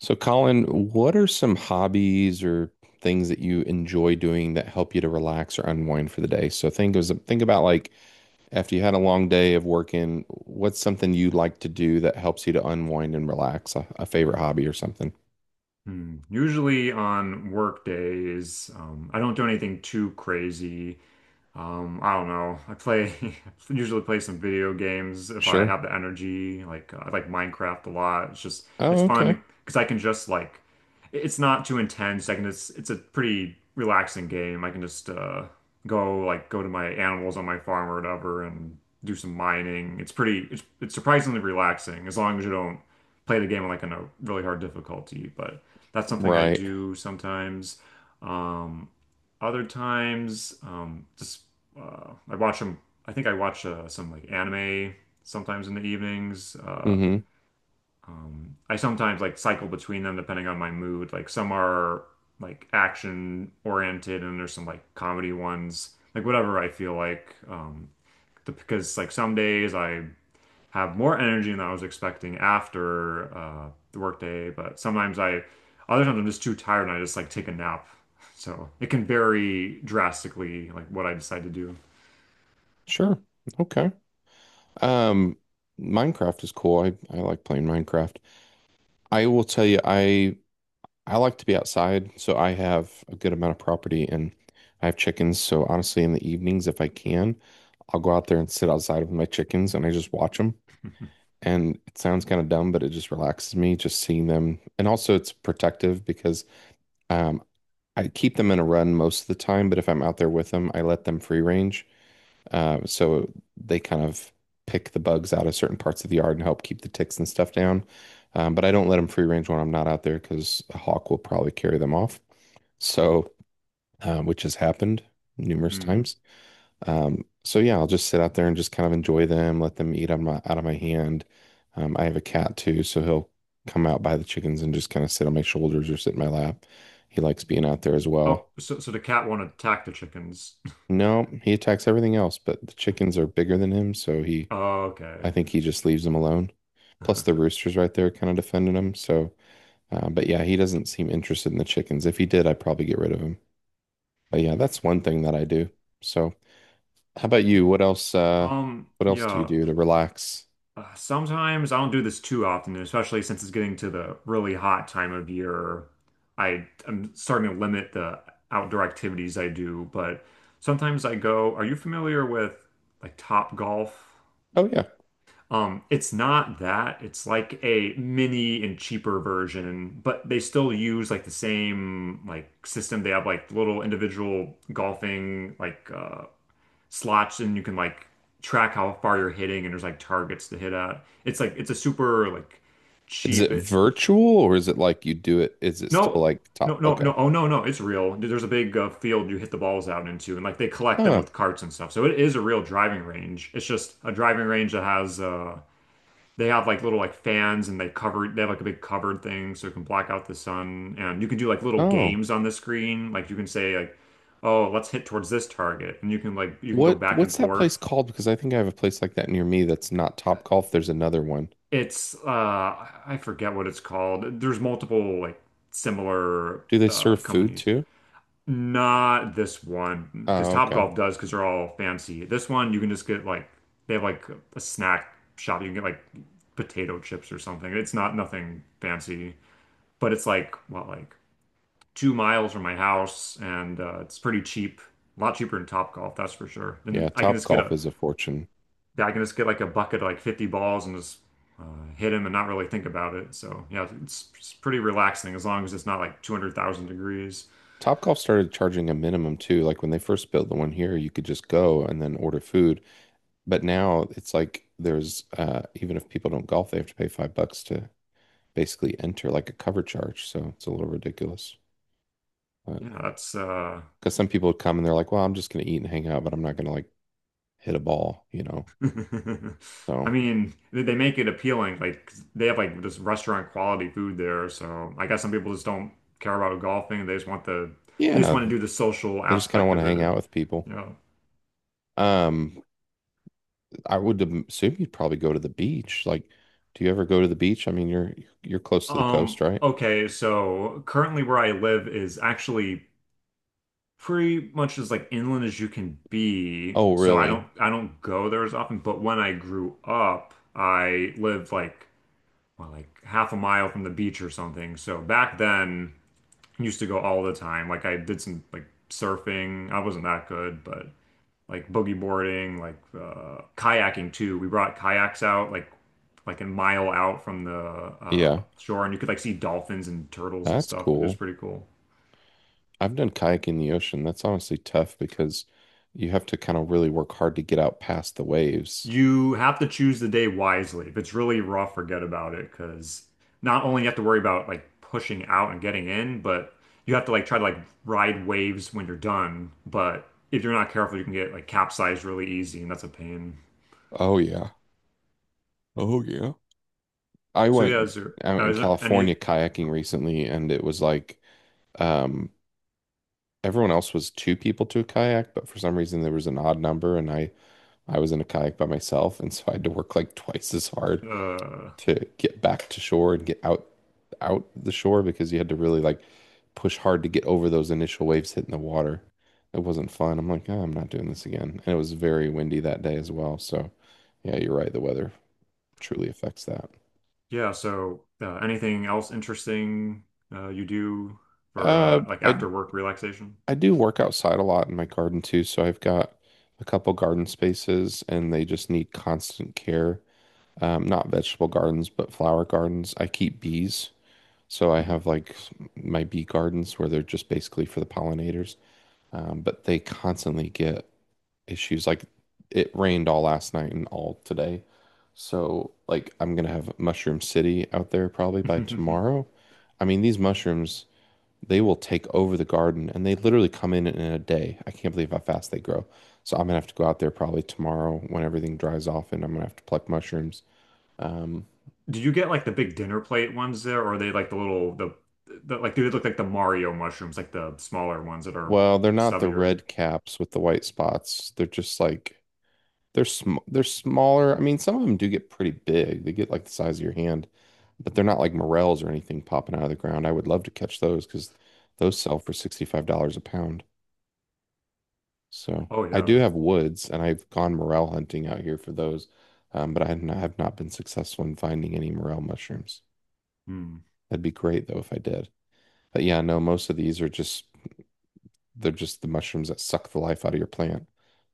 So, Colin, what are some hobbies or things that you enjoy doing that help you to relax or unwind for the day? So, think about, like, after you had a long day of working, what's something you like to do that helps you to unwind and relax? A favorite hobby or something? Hmm. Usually on work days, I don't do anything too crazy. I don't know. I play I usually play some video games if I Sure. have the energy. Like I like Minecraft a lot. It's Oh, okay. fun because I can just like it's not too intense. I can just it's a pretty relaxing game. I can just go to my animals on my farm or whatever and do some mining. It's pretty it's surprisingly relaxing as long as you don't play the game like on a really hard difficulty. But that's something I Right. do sometimes. Um, Other times, just I watch them. I think I watch some like anime sometimes in the evenings. Mm-hmm. I sometimes like cycle between them depending on my mood. Like some are like action oriented, and there's some like comedy ones. Like whatever I feel like. Because like some days I have more energy than I was expecting after the workday. But other times I'm just too tired and I just like take a nap. So it can vary drastically, like what I decide to do. Sure. Okay. Um, Minecraft is cool. I like playing Minecraft. I will tell you, I like to be outside, so I have a good amount of property and I have chickens. So honestly, in the evenings, if I can, I'll go out there and sit outside with my chickens and I just watch them. And it sounds kind of dumb, but it just relaxes me just seeing them. And also, it's protective because um, I keep them in a run most of the time, but if I'm out there with them, I let them free range. So they kind of pick the bugs out of certain parts of the yard and help keep the ticks and stuff down. But I don't let them free range when I'm not out there because a hawk will probably carry them off. So, which has happened numerous Mm. times. So yeah, I'll just sit out there and just kind of enjoy them, let them eat on my out of my hand. I have a cat too, so he'll come out by the chickens and just kind of sit on my shoulders or sit in my lap. He likes being out there as Oh, well. so the cat won't attack the chickens. No, he attacks everything else, but the chickens are bigger than him, so he I Okay. think he just leaves them alone. Plus the rooster's right there kind of defending him. So, but yeah, he doesn't seem interested in the chickens. If he did, I'd probably get rid of him. But yeah, that's one thing that I do. So. How about you? What else do you Yeah. do to relax? Sometimes I don't do this too often, and especially since it's getting to the really hot time of year. I am starting to limit the outdoor activities I do, but sometimes I go, are you familiar with like Top Golf? Oh yeah. It's not that. It's like a mini and cheaper version, but they still use like the same like system. They have like little individual golfing like slots, and you can like track how far you're hitting and there's like targets to hit at. It's like it's a super like Is cheap. it virtual or is it like you do it? Is it still No, like top? Okay. no. Oh no, no, it's real. There's a big field you hit the balls out into, and like they collect them Huh. with carts and stuff. So it is a real driving range. It's just a driving range that has they have like little like fans, and they cover they have like a big covered thing so it can block out the sun, and you can do like little Oh. games on the screen. Like you can say like oh, let's hit towards this target, and you can like you can go What back and what's that place forth. called? Because I think I have a place like that near me that's not Top Golf. There's another one. It's I forget what it's called. There's multiple like similar Do they serve food companies. too? Not this one, because Oh, okay. Topgolf does because they're all fancy. This one you can just get like they have like a snack shop. You can get like potato chips or something. It's not nothing fancy, but it's like what like 2 miles from my house, and it's pretty cheap. A lot cheaper than Topgolf, that's for sure. Yeah, And I can Top just get Golf a is a fortune. yeah, I can just get like a bucket of like 50 balls and just uh, hit him and not really think about it. So yeah, it's pretty relaxing as long as it's not like 200,000 degrees. Top Golf started charging a minimum too. Like when they first built the one here, you could just go and then order food. But now it's like there's even if people don't golf, they have to pay $5 to basically enter like a cover charge. So it's a little ridiculous. Because Yeah, that's some people would come and they're like, well, I'm just going to eat and hang out, but I'm not going to like hit a ball, you know? I So mean, they make it appealing. Like they have like just restaurant quality food there. So I guess some people just don't care about golfing. They just want the they just yeah, want to do the social they just kind of aspect want to of it, hang out with people. you know. Um, I would assume you'd probably go to the beach. Like, do you ever go to the beach? I mean, you're close to the coast, right? Okay, so currently where I live is actually pretty much as like inland as you can be. Oh, So I really? don't I don't go there as often, but when I grew up, I lived like well, like half a mile from the beach or something. So back then, I used to go all the time. Like I did some like surfing. I wasn't that good, but like boogie boarding, like kayaking too. We brought kayaks out like a mile out from the Yeah, shore, and you could like see dolphins and turtles and that's stuff. It was cool. pretty cool. I've done kayaking in the ocean. That's honestly tough because you have to kind of really work hard to get out past the waves. You have to choose the day wisely. If it's really rough, forget about it because not only you have to worry about like pushing out and getting in, but you have to like try to like ride waves when you're done. But if you're not careful, you can get like capsized really easy, and that's a pain. Oh yeah. Oh yeah. I So yeah, went is there out in California kayaking oh, recently, and it was like um, everyone else was two people to a kayak, but for some reason there was an odd number, and I was in a kayak by myself, and so I had to work like twice as hard uh to get back to shore and get out the shore because you had to really like push hard to get over those initial waves hitting the water. It wasn't fun. I'm like, oh, I'm not doing this again. And it was very windy that day as well. So, yeah, you're right. The weather truly affects that. yeah, so anything else interesting you do for Uh, like I after work relaxation? I do work outside a lot in my garden too, so I've got a couple garden spaces and they just need constant care. Not vegetable gardens, but flower gardens. I keep bees, so I have like my bee gardens where they're just basically for the pollinators. But they constantly get issues. Like it rained all last night and all today. So like I'm gonna have Mushroom City out there probably by Mhm. tomorrow. I mean, these mushrooms they will take over the garden and they literally come in a day. I can't believe how fast they grow. So I'm gonna have to go out there probably tomorrow when everything dries off and I'm gonna have to pluck mushrooms. Um, Do you get like the big dinner plate ones there, or are they like the little the like do they look like the Mario mushrooms, like the smaller ones that are well, they're not the stubbier? red caps with the white spots. They're just like they're smaller. I mean, some of them do get pretty big. They get like the size of your hand, but they're not like morels or anything popping out of the ground. I would love to catch those because those sell for $65 a pound. So Oh I do yeah. have woods, and I've gone morel hunting out here for those, but I have not been successful in finding any morel mushrooms. Hmm. That'd be great though if I did. But yeah, no, most of these are just they're just the mushrooms that suck the life out of your plant.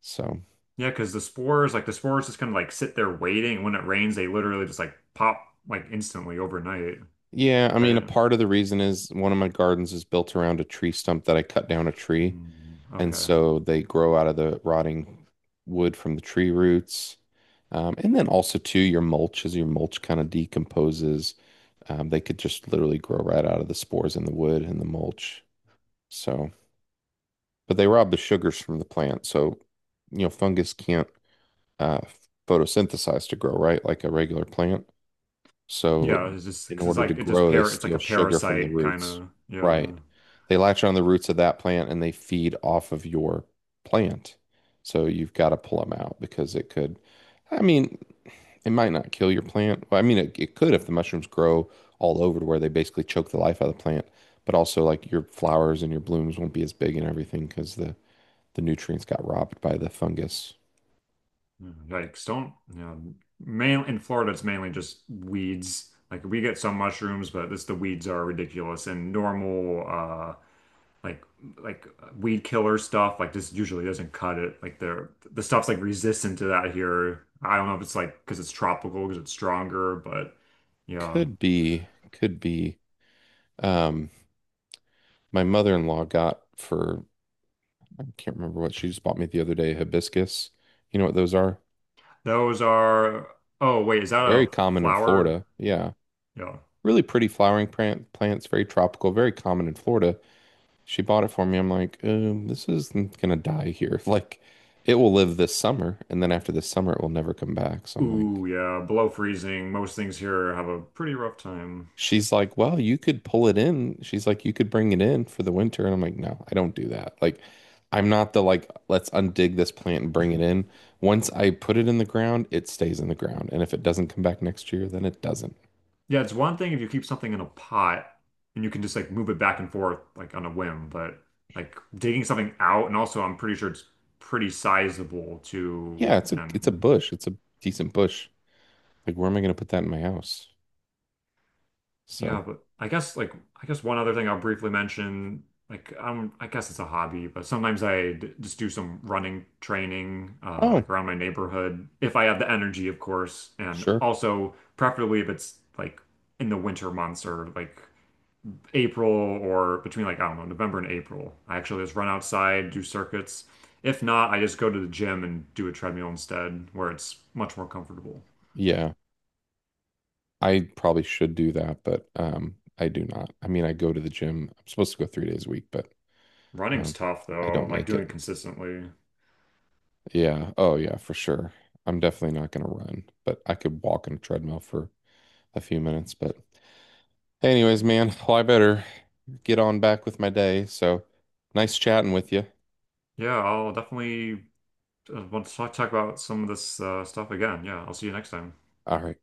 So Yeah, because the spores, like the spores just kind of like sit there waiting, and when it rains, they literally just like pop like instantly overnight, yeah, I mean, a right? part of the reason is one of my gardens is built around a tree stump that I cut down a tree. Hmm. And Okay. so they grow out of the rotting wood from the tree roots. And then also too, your mulch, as your mulch kind of decomposes, they could just literally grow right out of the spores in the wood and the mulch. So, but they rob the sugars from the plant. So, you know, fungus can't uh, photosynthesize to grow, right? Like a regular plant. So, Yeah, it's just in because order to like grow, they it's like steal a sugar from the parasite kind roots. of. Yeah. Right. They latch on the roots of that plant and they feed off of your plant. So, you've got to pull them out because it could, I mean, it might not kill your plant. Well, I mean, it could if the mushrooms grow all over to where they basically choke the life out of the plant. But also, like your flowers and your blooms won't be as big and everything because the nutrients got robbed by the fungus. Mm, yikes, don't, you know, main in Florida, it's mainly just weeds. Like we get some mushrooms, but this the weeds are ridiculous. And normal, like like weed killer stuff, like this usually doesn't cut it. Like the stuff's like resistant to that here. I don't know if it's like because it's tropical, because it's stronger, but yeah, Could be, could be. Um, my mother-in-law got for I can't remember what she just bought me the other day, hibiscus. You know what those are? those are. Oh wait, is that Very a common in flower? Florida. Yeah. Yeah. Really pretty flowering plants, very tropical, very common in Florida. She bought it for me. I'm like, this isn't gonna die here. Like, it will live this summer, and then after this summer, it will never come back. So I'm like, Ooh, yeah, below freezing. Most things here have a pretty rough time. she's like, well, you could pull it in. She's like, you could bring it in for the winter. And I'm like, no, I don't do that. Like, I'm not the like, let's undig this plant and bring it in. Once I put it in the ground, it stays in the ground. And if it doesn't come back next year, then it doesn't. Yeah, it's one thing if you keep something in a pot and you can just like move it back and forth like on a whim, but like digging something out, and also I'm pretty sure it's pretty sizable too. Yeah, And it's a bush. It's a decent bush. Like, where am I going to put that in my house? So, yeah, but I guess one other thing I'll briefly mention, like I guess it's a hobby, but sometimes I d just do some running training oh, like around my neighborhood if I have the energy, of course, and sure. also preferably if it's like in the winter months or like April or between like, I don't know, November and April. I actually just run outside, do circuits. If not, I just go to the gym and do a treadmill instead, where it's much more comfortable. Yeah. I probably should do that, but I do not. I mean, I go to the gym. I'm supposed to go 3 days a week, but Running's um tough I though, don't like make doing it it. consistently. Yeah. Oh, yeah, for sure. I'm definitely not going to run, but I could walk on a treadmill for a few minutes. But, anyways, man, well, I better get on back with my day. So, nice chatting with you. Yeah, I'll definitely want to talk about some of this stuff again. Yeah, I'll see you next time. All right.